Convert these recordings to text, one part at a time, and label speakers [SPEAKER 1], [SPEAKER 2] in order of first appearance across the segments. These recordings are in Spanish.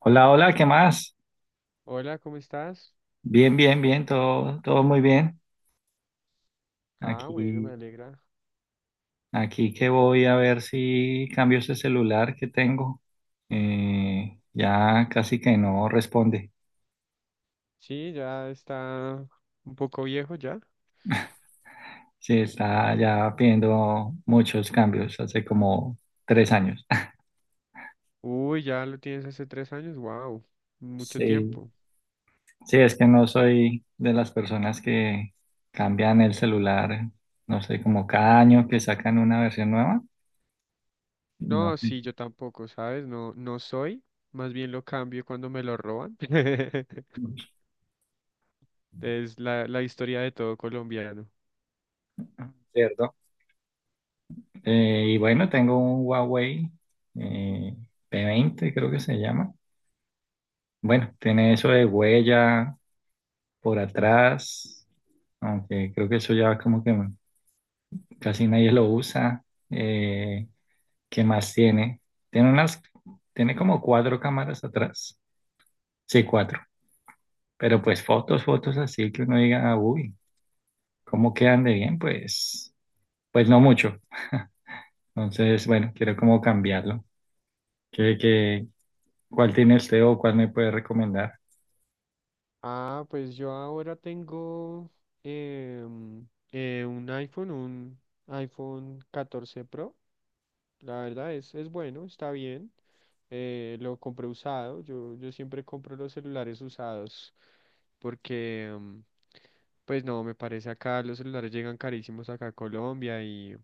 [SPEAKER 1] Hola, hola, ¿qué más?
[SPEAKER 2] Hola, ¿cómo estás?
[SPEAKER 1] Bien, bien, bien, todo, todo muy bien.
[SPEAKER 2] Ah, bueno, me
[SPEAKER 1] Aquí,
[SPEAKER 2] alegra.
[SPEAKER 1] aquí que voy a ver si cambio ese celular que tengo. Ya casi que no responde.
[SPEAKER 2] Sí, ya está un poco viejo ya.
[SPEAKER 1] Sí, está ya pidiendo muchos cambios, hace como 3 años.
[SPEAKER 2] Uy, ya lo tienes hace 3 años, wow, mucho
[SPEAKER 1] Sí,
[SPEAKER 2] tiempo.
[SPEAKER 1] sí, es que no soy de las personas que cambian el celular, no sé, como cada año que sacan una versión nueva. No
[SPEAKER 2] No,
[SPEAKER 1] sé,
[SPEAKER 2] sí, yo tampoco, ¿sabes? No soy, más bien lo cambio cuando me lo roban. Es la historia de todo colombiano.
[SPEAKER 1] ¿cierto? Y bueno,
[SPEAKER 2] Sí.
[SPEAKER 1] tengo un Huawei eh, P20 creo que se llama. Bueno, tiene eso de huella por atrás, aunque creo que eso ya como que casi nadie lo usa. ¿Qué más tiene? Tiene unas, Tiene como cuatro cámaras atrás. Sí, cuatro. Pero pues fotos, fotos así que uno diga, "Ah, uy, ¿cómo quedan de bien?" Pues, pues no mucho. Entonces, bueno, quiero como cambiarlo. ¿Qué, qué, ¿Cuál tiene usted o cuál me puede recomendar?
[SPEAKER 2] Ah, pues yo ahora tengo em, un iPhone 14 Pro. La verdad es bueno, está bien. Lo compré usado. Yo siempre compro los celulares usados porque, pues no, me parece acá los celulares llegan carísimos acá a Colombia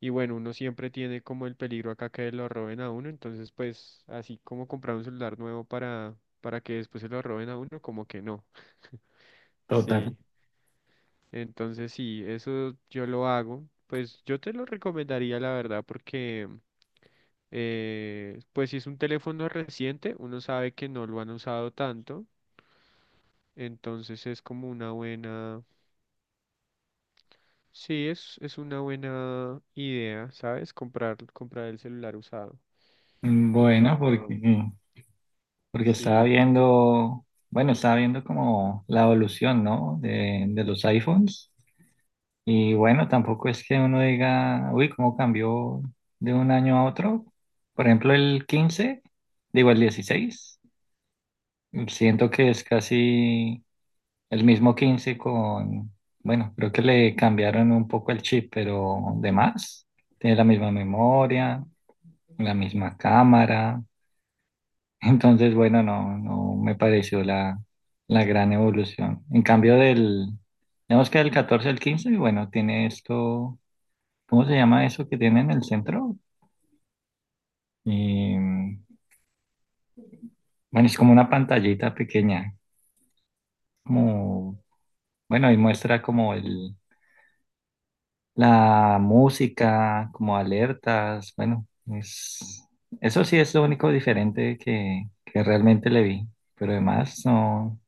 [SPEAKER 2] y bueno, uno siempre tiene como el peligro acá que lo roben a uno. Entonces, pues así como comprar un celular nuevo para que después se lo roben a uno, como que no.
[SPEAKER 1] Total.
[SPEAKER 2] Sí, entonces sí, eso yo lo hago. Pues yo te lo recomendaría, la verdad, porque... pues si es un teléfono reciente, uno sabe que no lo han usado tanto, entonces es como una buena, sí, es una buena idea, ¿sabes? Comprar el celular usado.
[SPEAKER 1] Mm,
[SPEAKER 2] Eh,
[SPEAKER 1] bueno,
[SPEAKER 2] um,
[SPEAKER 1] porque estaba
[SPEAKER 2] sí.
[SPEAKER 1] viendo, bueno, estaba viendo como la evolución, ¿no? De los iPhones. Y bueno, tampoco es que uno diga, uy, cómo cambió de un año a otro. Por ejemplo, el 15, digo el 16, siento que es casi el mismo 15 con, bueno, creo que le cambiaron un poco el chip, pero de más. Tiene la misma memoria, la misma cámara. Entonces, bueno, no me pareció la gran evolución. Digamos que del 14 al 15, bueno, tiene esto, ¿cómo se llama eso que tiene en el centro? Y bueno, es como una pantallita pequeña, como, bueno, y muestra como el, la música, como alertas, bueno, es, eso sí es lo único diferente que realmente le vi, pero además no,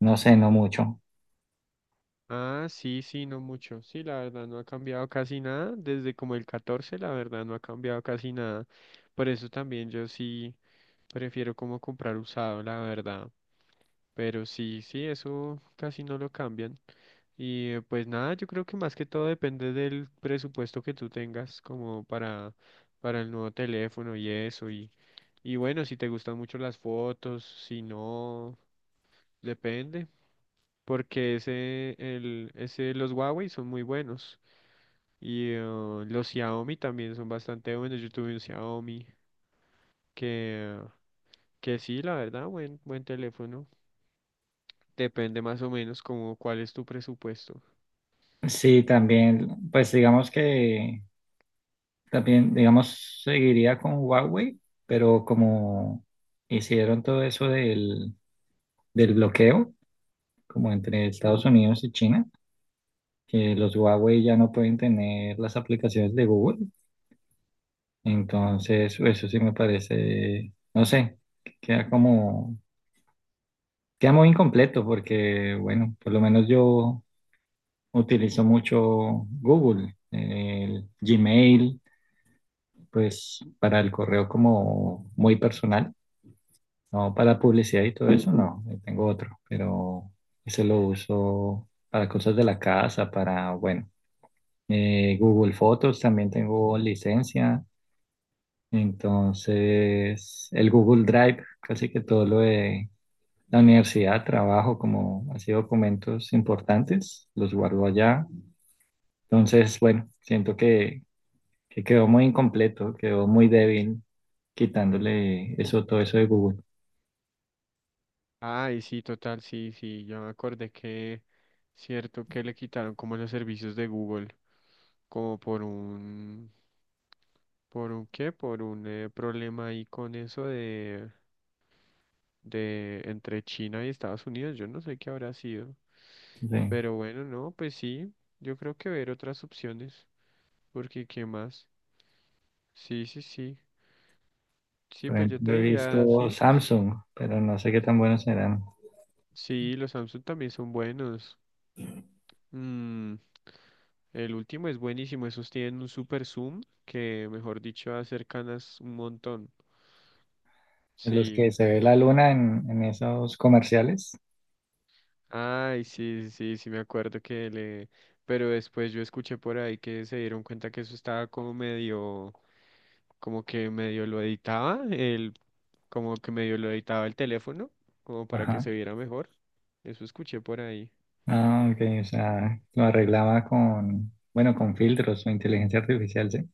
[SPEAKER 1] no sé, no mucho.
[SPEAKER 2] Ah, sí, sí, no mucho. Sí, la verdad no ha cambiado casi nada. Desde como el 14. La verdad no ha cambiado casi nada. Por eso también yo sí prefiero como comprar usado, la verdad. Pero sí, sí, eso casi no lo cambian. Y pues nada, yo creo que más que todo depende del presupuesto que tú tengas como para el nuevo teléfono y eso. Y bueno, si te gustan mucho las fotos, si no, depende porque ese, los Huawei son muy buenos. Y los Xiaomi también son bastante buenos. Yo tuve un Xiaomi que, que sí, la verdad, buen teléfono. Depende más o menos como cuál es tu presupuesto.
[SPEAKER 1] Sí, también, pues digamos que también, digamos, seguiría con Huawei, pero como hicieron todo eso del bloqueo, como entre Estados Unidos y China, que los Huawei ya no pueden tener las aplicaciones de Google, entonces eso sí me parece, no sé, que queda como, queda muy incompleto porque, bueno, por lo menos yo utilizo mucho Google, el Gmail. Pues para el correo como muy personal, no para publicidad y todo eso, no, yo tengo otro, pero ese lo uso para cosas de la casa, para, bueno, Google Fotos también tengo licencia, entonces el Google Drive, casi que todo lo de la universidad, trabajo como así documentos importantes, los guardo allá, entonces, bueno, siento que quedó muy incompleto, quedó muy débil quitándole eso, todo eso de Google.
[SPEAKER 2] Ay, sí, total, sí, sí. Ya me acordé cierto, que le quitaron como los servicios de Google, como ¿por un qué? Por un problema ahí con eso de entre China y Estados Unidos. Yo no sé qué habrá sido.
[SPEAKER 1] Sí.
[SPEAKER 2] Pero bueno, no, pues sí, yo creo que ver otras opciones, porque ¿qué más? Sí, sí, sí. Sí,
[SPEAKER 1] Por
[SPEAKER 2] pues yo te
[SPEAKER 1] ejemplo, he
[SPEAKER 2] diría,
[SPEAKER 1] visto
[SPEAKER 2] sí, pues
[SPEAKER 1] Samsung, pero no sé qué tan buenos serán.
[SPEAKER 2] sí, los Samsung también son buenos. Mm, el último es buenísimo, esos tienen un super zoom que, mejor dicho, acercanas un montón.
[SPEAKER 1] De los
[SPEAKER 2] Sí.
[SPEAKER 1] que se ve la luna en esos comerciales.
[SPEAKER 2] Ay, sí, sí, sí, me acuerdo que le... Pero después yo escuché por ahí que se dieron cuenta que eso estaba como medio... como que medio lo editaba, como que medio lo editaba el teléfono, como para que
[SPEAKER 1] Ajá.
[SPEAKER 2] se viera mejor. Eso escuché por ahí.
[SPEAKER 1] Ah, ok, o sea, lo arreglaba con, bueno, con filtros o inteligencia artificial, sí.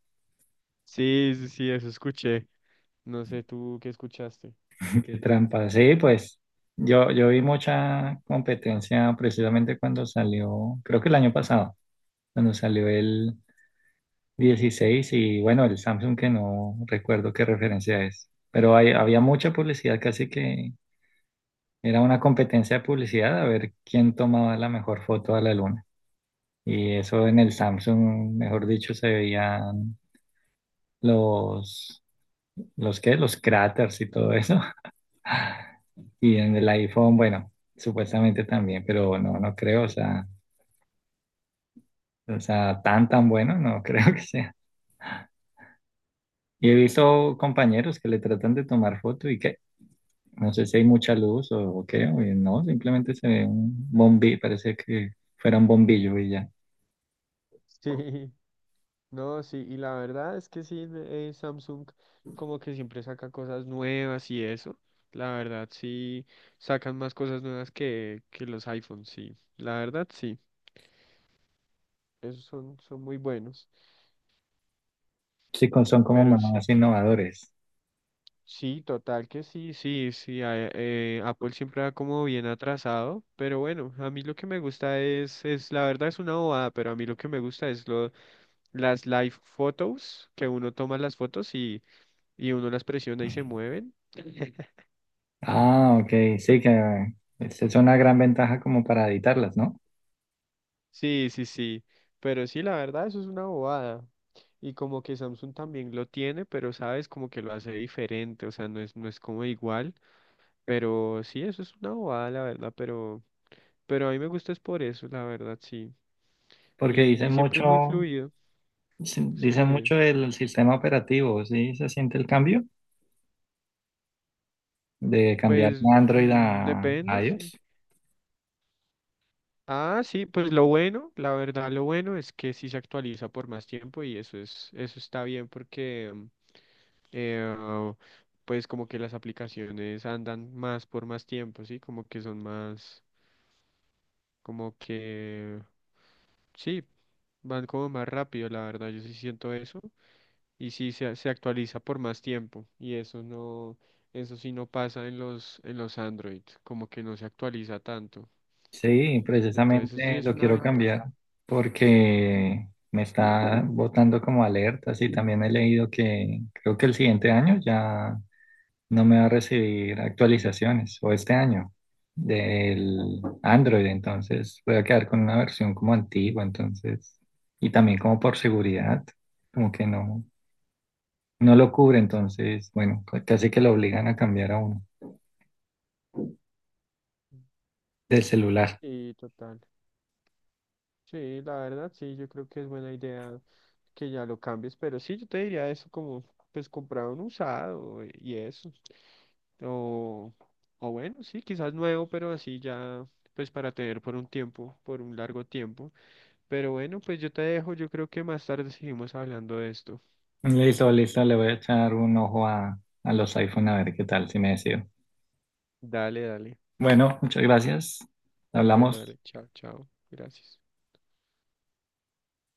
[SPEAKER 2] Sí, sí, sí, eso escuché. No sé tú qué escuchaste.
[SPEAKER 1] Qué trampa. Sí, pues yo vi mucha competencia precisamente cuando salió, creo que el año pasado, cuando salió 16 y bueno, el Samsung que no recuerdo qué referencia es, pero había mucha publicidad, casi que era una competencia de publicidad a ver quién tomaba la mejor foto a la luna. Y eso en el Samsung, mejor dicho, se veían los, los qué, los cráteres y todo eso. Y en el iPhone, bueno, supuestamente también, pero no, no creo, o sea, tan bueno, no creo que sea. Y he visto compañeros que le tratan de tomar foto y que no sé si hay mucha luz o qué, o no, simplemente se ve un bombillo, parece que fuera un bombillo y ya.
[SPEAKER 2] Sí, no, sí, y la verdad es que sí, Samsung como que siempre saca cosas nuevas y eso. La verdad, sí, sacan más cosas nuevas que los iPhones, sí. La verdad, sí, esos son muy buenos,
[SPEAKER 1] Sí, son como
[SPEAKER 2] pero sí.
[SPEAKER 1] más innovadores.
[SPEAKER 2] Sí, total que sí, sí, sí. Apple siempre va como bien atrasado, pero bueno, a mí lo que me gusta es la verdad es una bobada, pero a mí lo que me gusta es lo, las live photos, que uno toma las fotos y uno las presiona y se mueven.
[SPEAKER 1] Ah, ok, sí, que esa es una gran ventaja como para editarlas, ¿no?
[SPEAKER 2] Sí, sí, sí, pero sí, la verdad eso es una bobada. Y como que Samsung también lo tiene, pero sabes, como que lo hace diferente, o sea, no es como igual, pero sí, eso es una bobada, la verdad, pero a mí me gusta es por eso, la verdad, sí.
[SPEAKER 1] Porque dicen
[SPEAKER 2] Y siempre es muy
[SPEAKER 1] mucho,
[SPEAKER 2] fluido, es
[SPEAKER 1] Dicen
[SPEAKER 2] fluido.
[SPEAKER 1] mucho del sistema operativo, ¿sí? ¿Se siente el cambio de cambiar
[SPEAKER 2] Pues
[SPEAKER 1] de Android
[SPEAKER 2] mm, depende,
[SPEAKER 1] a
[SPEAKER 2] sí.
[SPEAKER 1] iOS?
[SPEAKER 2] Ah, sí, pues lo bueno, la verdad, lo bueno es que sí se actualiza por más tiempo y eso eso está bien porque eh, pues como que las aplicaciones andan más por más tiempo, sí, como que son más, como que sí, van como más rápido, la verdad, yo sí siento eso. Y sí se actualiza por más tiempo y eso no, eso sí no pasa en los Android, como que no se actualiza tanto.
[SPEAKER 1] Sí,
[SPEAKER 2] Entonces eso sí
[SPEAKER 1] precisamente
[SPEAKER 2] es
[SPEAKER 1] lo
[SPEAKER 2] una
[SPEAKER 1] quiero
[SPEAKER 2] ventaja.
[SPEAKER 1] cambiar porque me está botando como alertas y también he leído que creo que el siguiente año ya no me va a recibir actualizaciones o este año del Android, entonces voy a quedar con una versión como antigua, entonces, y también como por seguridad, como que no, no lo cubre, entonces, bueno, casi que lo obligan a cambiar a uno del celular.
[SPEAKER 2] Sí, total. Sí, la verdad, sí, yo creo que es buena idea que ya lo cambies, pero sí, yo te diría eso como, pues comprar un usado y eso, o, o bueno, sí, quizás nuevo, pero así ya, pues para tener por un tiempo, por un largo tiempo, pero bueno, pues yo te dejo, yo creo que más tarde seguimos hablando de esto.
[SPEAKER 1] Listo, listo, le voy a echar un ojo a los iPhone a ver qué tal, si me decido.
[SPEAKER 2] Dale, dale.
[SPEAKER 1] Bueno, muchas gracias.
[SPEAKER 2] Bueno,
[SPEAKER 1] Hablamos.
[SPEAKER 2] dale. Chao, chao. Gracias.